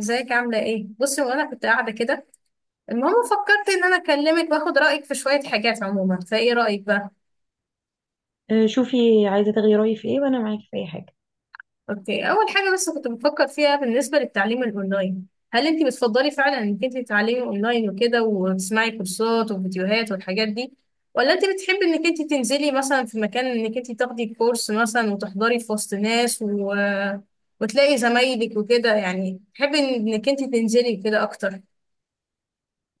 ازيك؟ عاملة ايه؟ بصي، وانا كنت قاعدة كده. المهم فكرت ان انا اكلمك واخد رأيك في شوية حاجات عموما، فايه رأيك بقى؟ آه، شوفي، عايزة تغيري رأيي في ايه؟ وانا معاكي في اي حاجة. اوكي، اول حاجة بس كنت بفكر فيها بالنسبة للتعليم الاونلاين، هل انت بتفضلي فعلا انك انت تتعلمي اونلاين وكده وتسمعي كورسات وفيديوهات والحاجات دي، ولا انت بتحبي انك انت تنزلي مثلا في مكان انك انت تاخدي كورس مثلا وتحضري في وسط ناس و وتلاقي زمايلك وكده، يعني تحبي انك انت تنزلي كده اكتر؟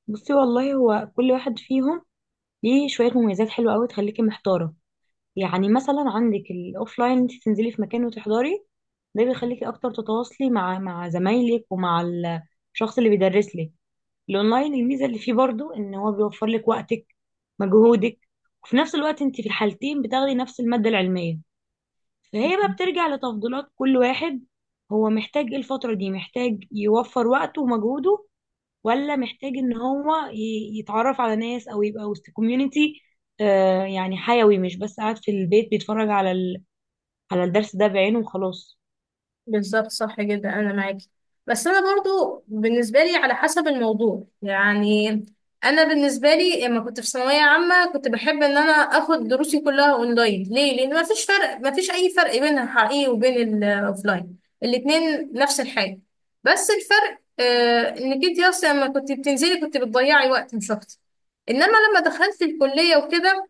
بصي، والله هو كل واحد فيهم ليه شوية مميزات حلوة قوي تخليكي محتارة. يعني مثلا عندك الاوفلاين، انت تنزلي في مكان وتحضري، ده بيخليكي اكتر تتواصلي مع زمايلك، ومع الشخص اللي بيدرس لك. الاونلاين، الميزة اللي فيه برضو ان هو بيوفر لك وقتك، مجهودك، وفي نفس الوقت انت في الحالتين بتاخدي نفس المادة العلمية. فهي بقى بترجع لتفضيلات كل واحد، هو محتاج ايه الفترة دي، محتاج يوفر وقته ومجهوده، ولا محتاج ان هو يتعرف على ناس او يبقى وسط كوميونتي، يعني حيوي، مش بس قاعد في البيت بيتفرج على الدرس ده بعينه وخلاص. بالظبط، صح جدا، انا معاكي. بس انا برضو بالنسبه لي على حسب الموضوع يعني. انا بالنسبه لي لما كنت في ثانويه عامه كنت بحب ان انا اخد دروسي كلها اونلاين، ليه؟ لان ما فيش فرق، ما فيش اي فرق بين الحقيقي وبين الاوفلاين، الاتنين نفس الحاجه. بس الفرق آه، انك انت اصلا لما كنت بتنزلي كنت بتضيعي وقت مش اكتر. انما لما دخلت الكليه وكده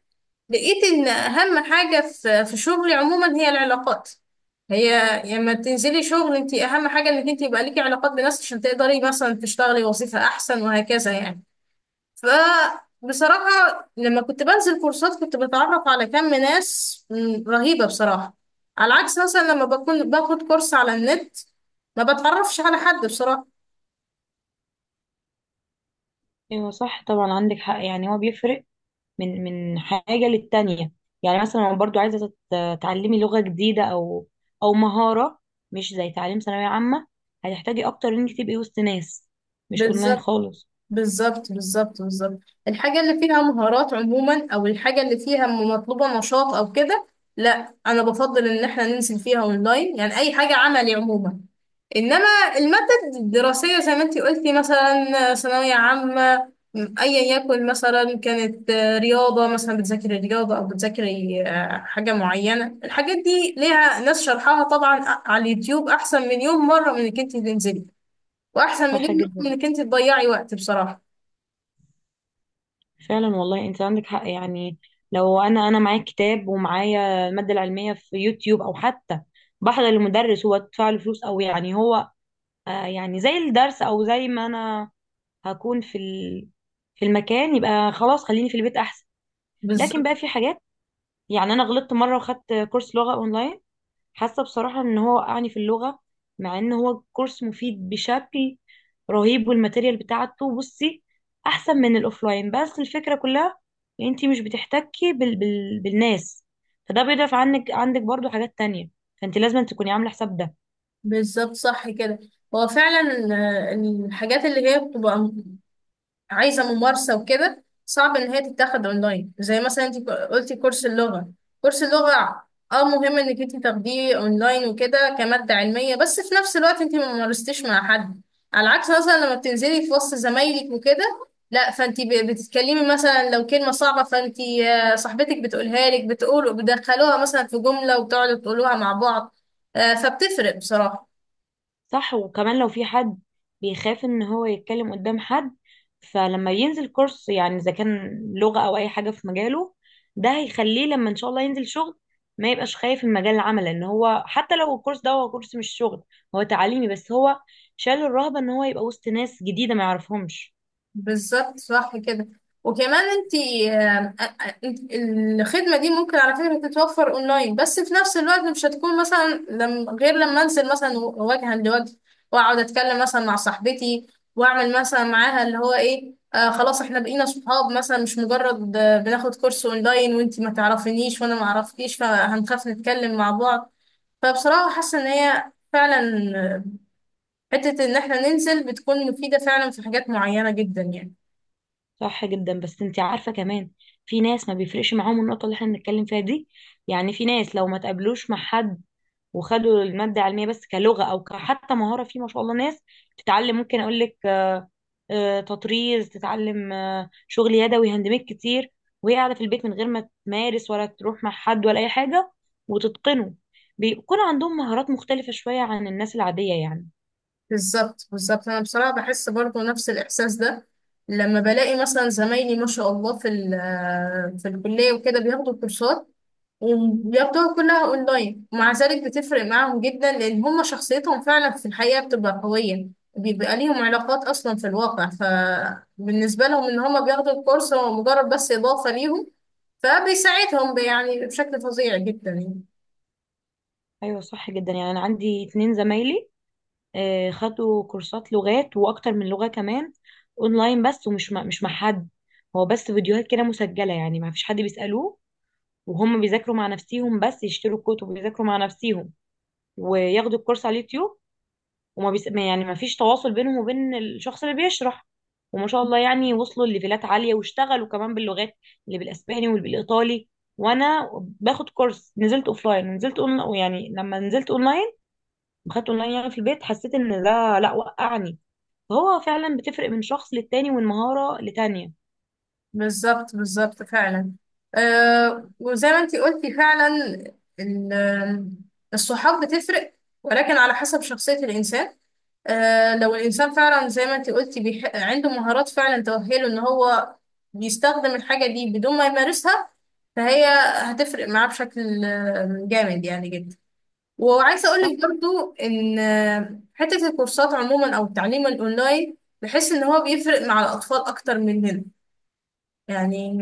لقيت ان اهم حاجة في شغلي عموما هي العلاقات. هي لما تنزلي شغل انت اهم حاجة انك انت يبقى ليكي علاقات بناس عشان تقدري مثلا تشتغلي وظيفة احسن، وهكذا يعني. فبصراحة لما كنت بنزل كورسات كنت بتعرف على كم ناس رهيبة بصراحة، على عكس مثلا لما بكون باخد كورس على النت ما بتعرفش على حد بصراحة. ايوه صح طبعا، عندك حق، يعني هو بيفرق من حاجة للتانية. يعني مثلا لو برضو عايزة تتعلمي لغة جديدة، او مهارة، مش زي تعليم ثانوية عامة، هتحتاجي اكتر انك تبقي وسط ناس، مش اونلاين بالظبط. خالص. بالظبط. الحاجة اللي فيها مهارات عموما، أو الحاجة اللي فيها مطلوبة نشاط أو كده، لا، أنا بفضل إن إحنا ننزل فيها أونلاين، يعني أي حاجة عملي عموما. إنما المادة الدراسية زي ما أنتي قلتي، مثلا ثانوية عامة، أيا يكن، مثلا كانت رياضة، مثلا بتذاكري رياضة أو بتذاكري حاجة معينة، الحاجات دي ليها ناس شرحها طبعا على اليوتيوب أحسن مليون مرة من إنك أنتي تنزلي، وأحسن صح مليون مرة جدا، من إنك أنتي تضيعي وقت بصراحة. فعلا والله انت عندك حق. يعني لو انا معايا كتاب ومعايا الماده العلميه في يوتيوب، او حتى بحضر المدرس هو ادفع له فلوس، او يعني هو يعني زي الدرس، او زي ما انا هكون في المكان، يبقى خلاص خليني في البيت احسن. لكن بالظبط، بقى في حاجات، يعني انا غلطت مره وخدت كورس لغه اونلاين، حاسه بصراحه ان هو وقعني في اللغه، مع ان هو كورس مفيد بشكل رهيب، والماتيريال بتاعته، بصي، احسن من الاوفلاين، بس الفكره كلها ان انت مش بتحتكي بالناس، فده بيضعف عنك، عندك برضو حاجات تانية، فانت لازم تكوني عامله حساب ده. بالظبط، صح كده. هو فعلا الحاجات اللي هي بتبقى عايزة ممارسة وكده صعب إن هي تتاخد أونلاين، زي مثلا أنت قلتي كورس اللغة. كورس اللغة، اه مهم انك انت تاخديه اونلاين وكده كمادة علمية، بس في نفس الوقت انت ما مارستيش مع حد. على عكس مثلا لما بتنزلي في وسط زمايلك وكده، لا، فانت بتتكلمي، مثلا لو كلمة صعبة فانت صاحبتك بتقولها لك، بتقول بتدخلوها مثلا في جملة وبتقعدوا تقولوها مع بعض. فبتفرق بصراحة. صح، وكمان لو في حد بيخاف ان هو يتكلم قدام حد، فلما ينزل كورس، يعني اذا كان لغة او اي حاجة في مجاله، ده هيخليه لما ان شاء الله ينزل شغل، ما يبقاش خايف من مجال العمل، لان هو حتى لو الكورس ده هو كورس مش شغل، هو تعليمي بس، هو شال الرهبة ان هو يبقى وسط ناس جديدة ما يعرفهمش. بالظبط، صح كده. وكمان انت الخدمة دي ممكن على فكرة تتوفر اونلاين، بس في نفس الوقت مش هتكون مثلا لم غير لما انزل مثلا وجها لوجه، واقعد اتكلم مثلا مع صاحبتي، واعمل مثلا معاها اللي هو ايه، آه خلاص احنا بقينا صحاب مثلا، مش مجرد بناخد كورس اونلاين وانت ما تعرفينيش وانا ما اعرفكيش فهنخاف نتكلم مع بعض. فبصراحة حاسة ان هي فعلا آه، حتة ان احنا ننزل بتكون مفيدة فعلا في حاجات معينة جدا يعني. صح جدا، بس انت عارفة كمان في ناس ما بيفرقش معاهم النقطة اللي احنا بنتكلم فيها دي. يعني في ناس لو ما تقابلوش مع حد وخدوا المادة علمية، بس كلغة أو حتى مهارة، في ما شاء الله ناس تتعلم، ممكن أقول لك، تطريز، تتعلم شغل يدوي، هاند ميد كتير، وهي قاعدة في البيت من غير ما تمارس ولا تروح مع حد ولا أي حاجة، وتتقنه. بيكون عندهم مهارات مختلفة شوية عن الناس العادية يعني. بالظبط، انا بصراحه بحس برضو نفس الاحساس ده، لما بلاقي مثلا زمايلي ما شاء الله في الكليه وكده بياخدوا كورسات وبياخدوها كلها اونلاين، ومع ذلك بتفرق معاهم جدا لان هم شخصيتهم فعلا في الحقيقه بتبقى قويه، بيبقى ليهم علاقات اصلا في الواقع، فبالنسبه لهم ان هم بياخدوا الكورس هو مجرد بس اضافه ليهم، فبيساعدهم يعني بشكل فظيع جدا يعني. أيوة صح جدا. يعني أنا عندي اتنين زمايلي خدوا كورسات لغات، وأكتر من لغة كمان، أونلاين بس، ومش مع- مش مع حد، هو بس فيديوهات كده مسجلة، يعني ما فيش حد بيسألوه، وهم بيذاكروا مع نفسيهم، بس يشتروا الكتب ويذاكروا مع نفسيهم، وياخدوا الكورس على اليوتيوب، وما بيس... ما- يعني ما فيش تواصل بينهم وبين الشخص اللي بيشرح، وما شاء الله يعني وصلوا لليفلات عالية واشتغلوا كمان باللغات، اللي بالاسباني واللي بالايطالي. وانا باخد كورس، نزلت اوفلاين ونزلت اونلاين، يعني لما نزلت اونلاين وخدت اونلاين يعني في البيت، حسيت ان ده لا، وقعني. فهو فعلا بتفرق من شخص للتاني ومن مهارة لتانية. بالظبط، بالظبط فعلا. أه، وزي ما انتي قلتي فعلا، ال- الصحاب بتفرق، ولكن على حسب شخصية الإنسان. أه لو الإنسان فعلا زي ما انتي قلتي عنده مهارات فعلا تؤهله إن هو بيستخدم الحاجة دي بدون ما يمارسها، فهي هتفرق معاه بشكل جامد يعني جدا. وعايزة صح، أقولك برضو إن حتة الكورسات عموما أو التعليم الأونلاين بحس إن هو بيفرق مع الأطفال أكتر مننا يعني.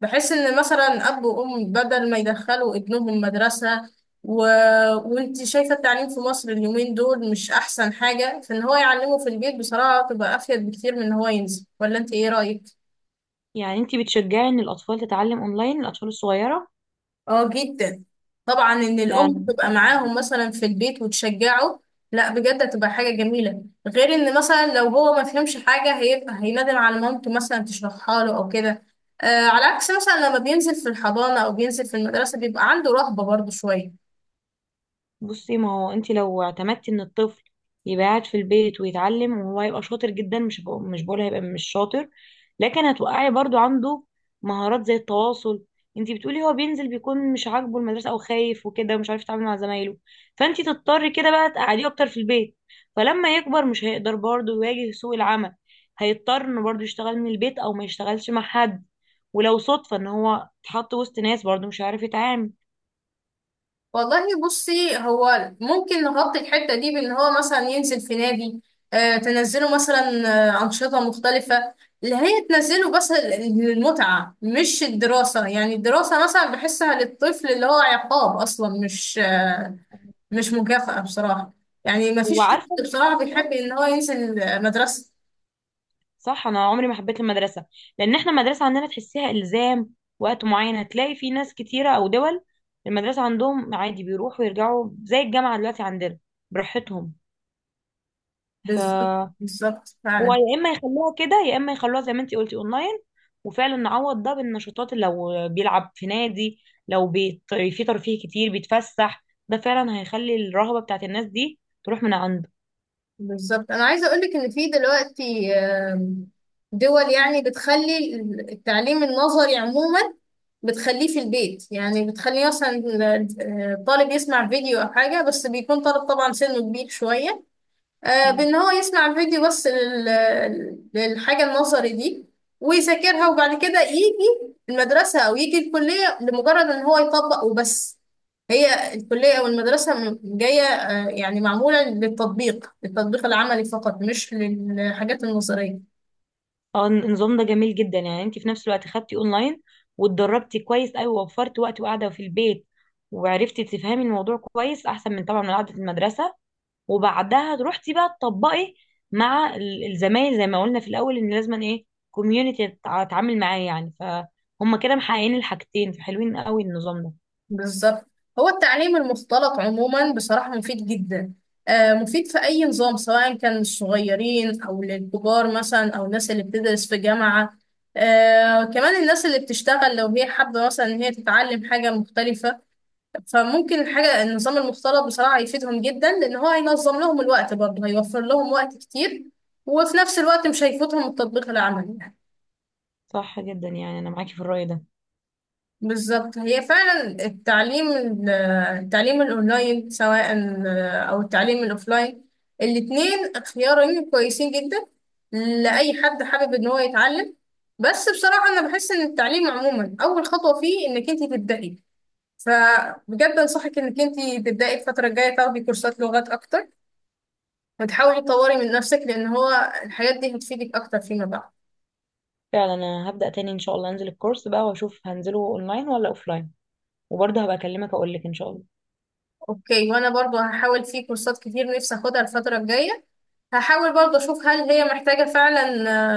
بحس ان مثلا اب وام بدل ما يدخلوا ابنهم مدرسه و وانت شايفه التعليم في مصر اليومين دول مش احسن حاجه، فان هو يعلمه في البيت بصراحه تبقى افيد بكتير من ان هو ينزل، ولا انت ايه رايك؟ يعني انتي بتشجعي ان الاطفال تتعلم اونلاين، الاطفال الصغيرة؟ اه جدا، طبعا ان لا، الام تبقى معاهم مثلا في البيت وتشجعه. لا بجد هتبقى حاجه جميله، غير ان مثلا لو هو ما فهمش حاجه هيبقى هيندم على مامته مثلا تشرحها له او كده. آه، على عكس مثلا لما بينزل في الحضانه او بينزل في المدرسه بيبقى عنده رهبه برضه شويه. بصي، ما هو انت لو اعتمدتي ان الطفل يبقى قاعد في البيت ويتعلم، وهو هيبقى شاطر جدا، مش بقول هيبقى مش شاطر، لكن هتوقعي برضو عنده مهارات زي التواصل. انت بتقولي هو بينزل بيكون مش عاجبه المدرسه او خايف وكده، ومش عارف يتعامل مع زمايله، فانت تضطري كده بقى تقعديه اكتر في البيت. فلما يكبر مش هيقدر برضو يواجه سوق العمل، هيضطر انه برضو يشتغل من البيت او ما يشتغلش مع حد، ولو صدفه ان هو اتحط وسط ناس برضو مش عارف يتعامل. والله بصي هو ممكن نغطي الحتة دي بإن هو مثلا ينزل في نادي، آه تنزله مثلا آه أنشطة مختلفة، اللي هي تنزله بس للمتعة مش الدراسة، يعني الدراسة مثلا بحسها للطفل اللي هو عقاب أصلا، مش آه مش مكافأة بصراحة. يعني مفيش طفل وعارفه بصراحة بيحب المشكله؟ إن هو ينزل مدرسة. صح، انا عمري ما حبيت المدرسه، لان احنا المدرسه عندنا تحسيها الزام وقت معين، هتلاقي في ناس كتيره او دول المدرسه عندهم عادي بيروحوا ويرجعوا زي الجامعه دلوقتي عندنا، براحتهم. ف بالظبط، بالظبط هو فعلا. يا اما يخلوها كده، يا اما يخلوها زي ما انتي قلتي اونلاين، وفعلا نعوض ده بالنشاطات، اللي لو بيلعب في نادي، لو في ترفيه كتير بيتفسح، ده فعلا هيخلي الرهبه بتاعت الناس دي تروح من عنده. بالظبط، انا عايزه اقول لك ان في دلوقتي دول يعني بتخلي التعليم النظري عموما بتخليه في البيت، يعني بتخليه مثلا طالب يسمع فيديو او حاجه، بس بيكون طالب طبعا سنه كبير شويه، بان هو يسمع الفيديو بس للحاجه النظري دي ويذاكرها، وبعد كده يجي المدرسه او يجي الكليه لمجرد ان هو يطبق وبس. هي الكليه او المدرسه جايه يعني معموله للتطبيق، للتطبيق العملي فقط، مش للحاجات النظريه. اه، النظام ده جميل جدا. يعني انت في نفس الوقت خدتي اونلاين، واتدربتي كويس قوي ووفرتي وقت وقاعده في البيت، وعرفتي تفهمي الموضوع كويس احسن من طبعا من قعده المدرسه، وبعدها روحتي بقى تطبقي مع الزمايل زي ما قلنا في الاول، ان لازم ايه، كوميونتي اتعامل معاه، يعني فهم كده محققين الحاجتين، فحلوين قوي النظام ده. بالظبط. هو التعليم المختلط عموما بصراحة مفيد جدا، مفيد في أي نظام سواء كان للصغيرين أو للكبار مثلا، أو الناس اللي بتدرس في جامعة، كمان الناس اللي بتشتغل لو هي حابة مثلا إن هي تتعلم حاجة مختلفة، فممكن الحاجة النظام المختلط بصراحة يفيدهم جدا، لأن هو هينظم لهم الوقت برضه، هيوفر لهم وقت كتير، وفي نفس الوقت مش هيفوتهم التطبيق العملي. صح جدا، يعني انا معاكي في الرأي ده. بالظبط، هي فعلا التعليم الاونلاين سواء او التعليم الاوفلاين، الاتنين خيارين كويسين جدا لاي حد حابب ان هو يتعلم. بس بصراحة انا بحس ان التعليم عموما اول خطوة فيه انك انت تبدأي، فبجد انصحك انك انت تبدأي الفترة الجاية تاخدي كورسات لغات اكتر، وتحاولي تطوري من نفسك، لان هو الحاجات دي هتفيدك اكتر فيما بعد. فعلا انا هبدأ تاني ان شاء الله انزل الكورس بقى واشوف هنزله اونلاين ولا اوفلاين، وبرضه هبقى اكلمك اقول لك ان شاء الله. اوكي، وانا برضو هحاول في كورسات كتير نفسي اخدها الفترة الجاية، هحاول برضه أشوف هل هي محتاجة فعلا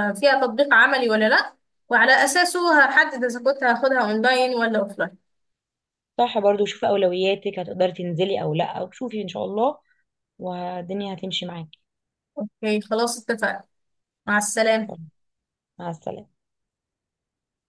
فيها تطبيق عملي ولا لأ، وعلى أساسه هحدد إذا كنت هاخدها أونلاين ولا أوفلاين. صح، برضو شوفي أولوياتك، هتقدري تنزلي أو لأ، وشوفي إن شاء الله والدنيا هتمشي معاكي. أوكي خلاص اتفقنا. مع خلاص، السلامة. مع السلامة.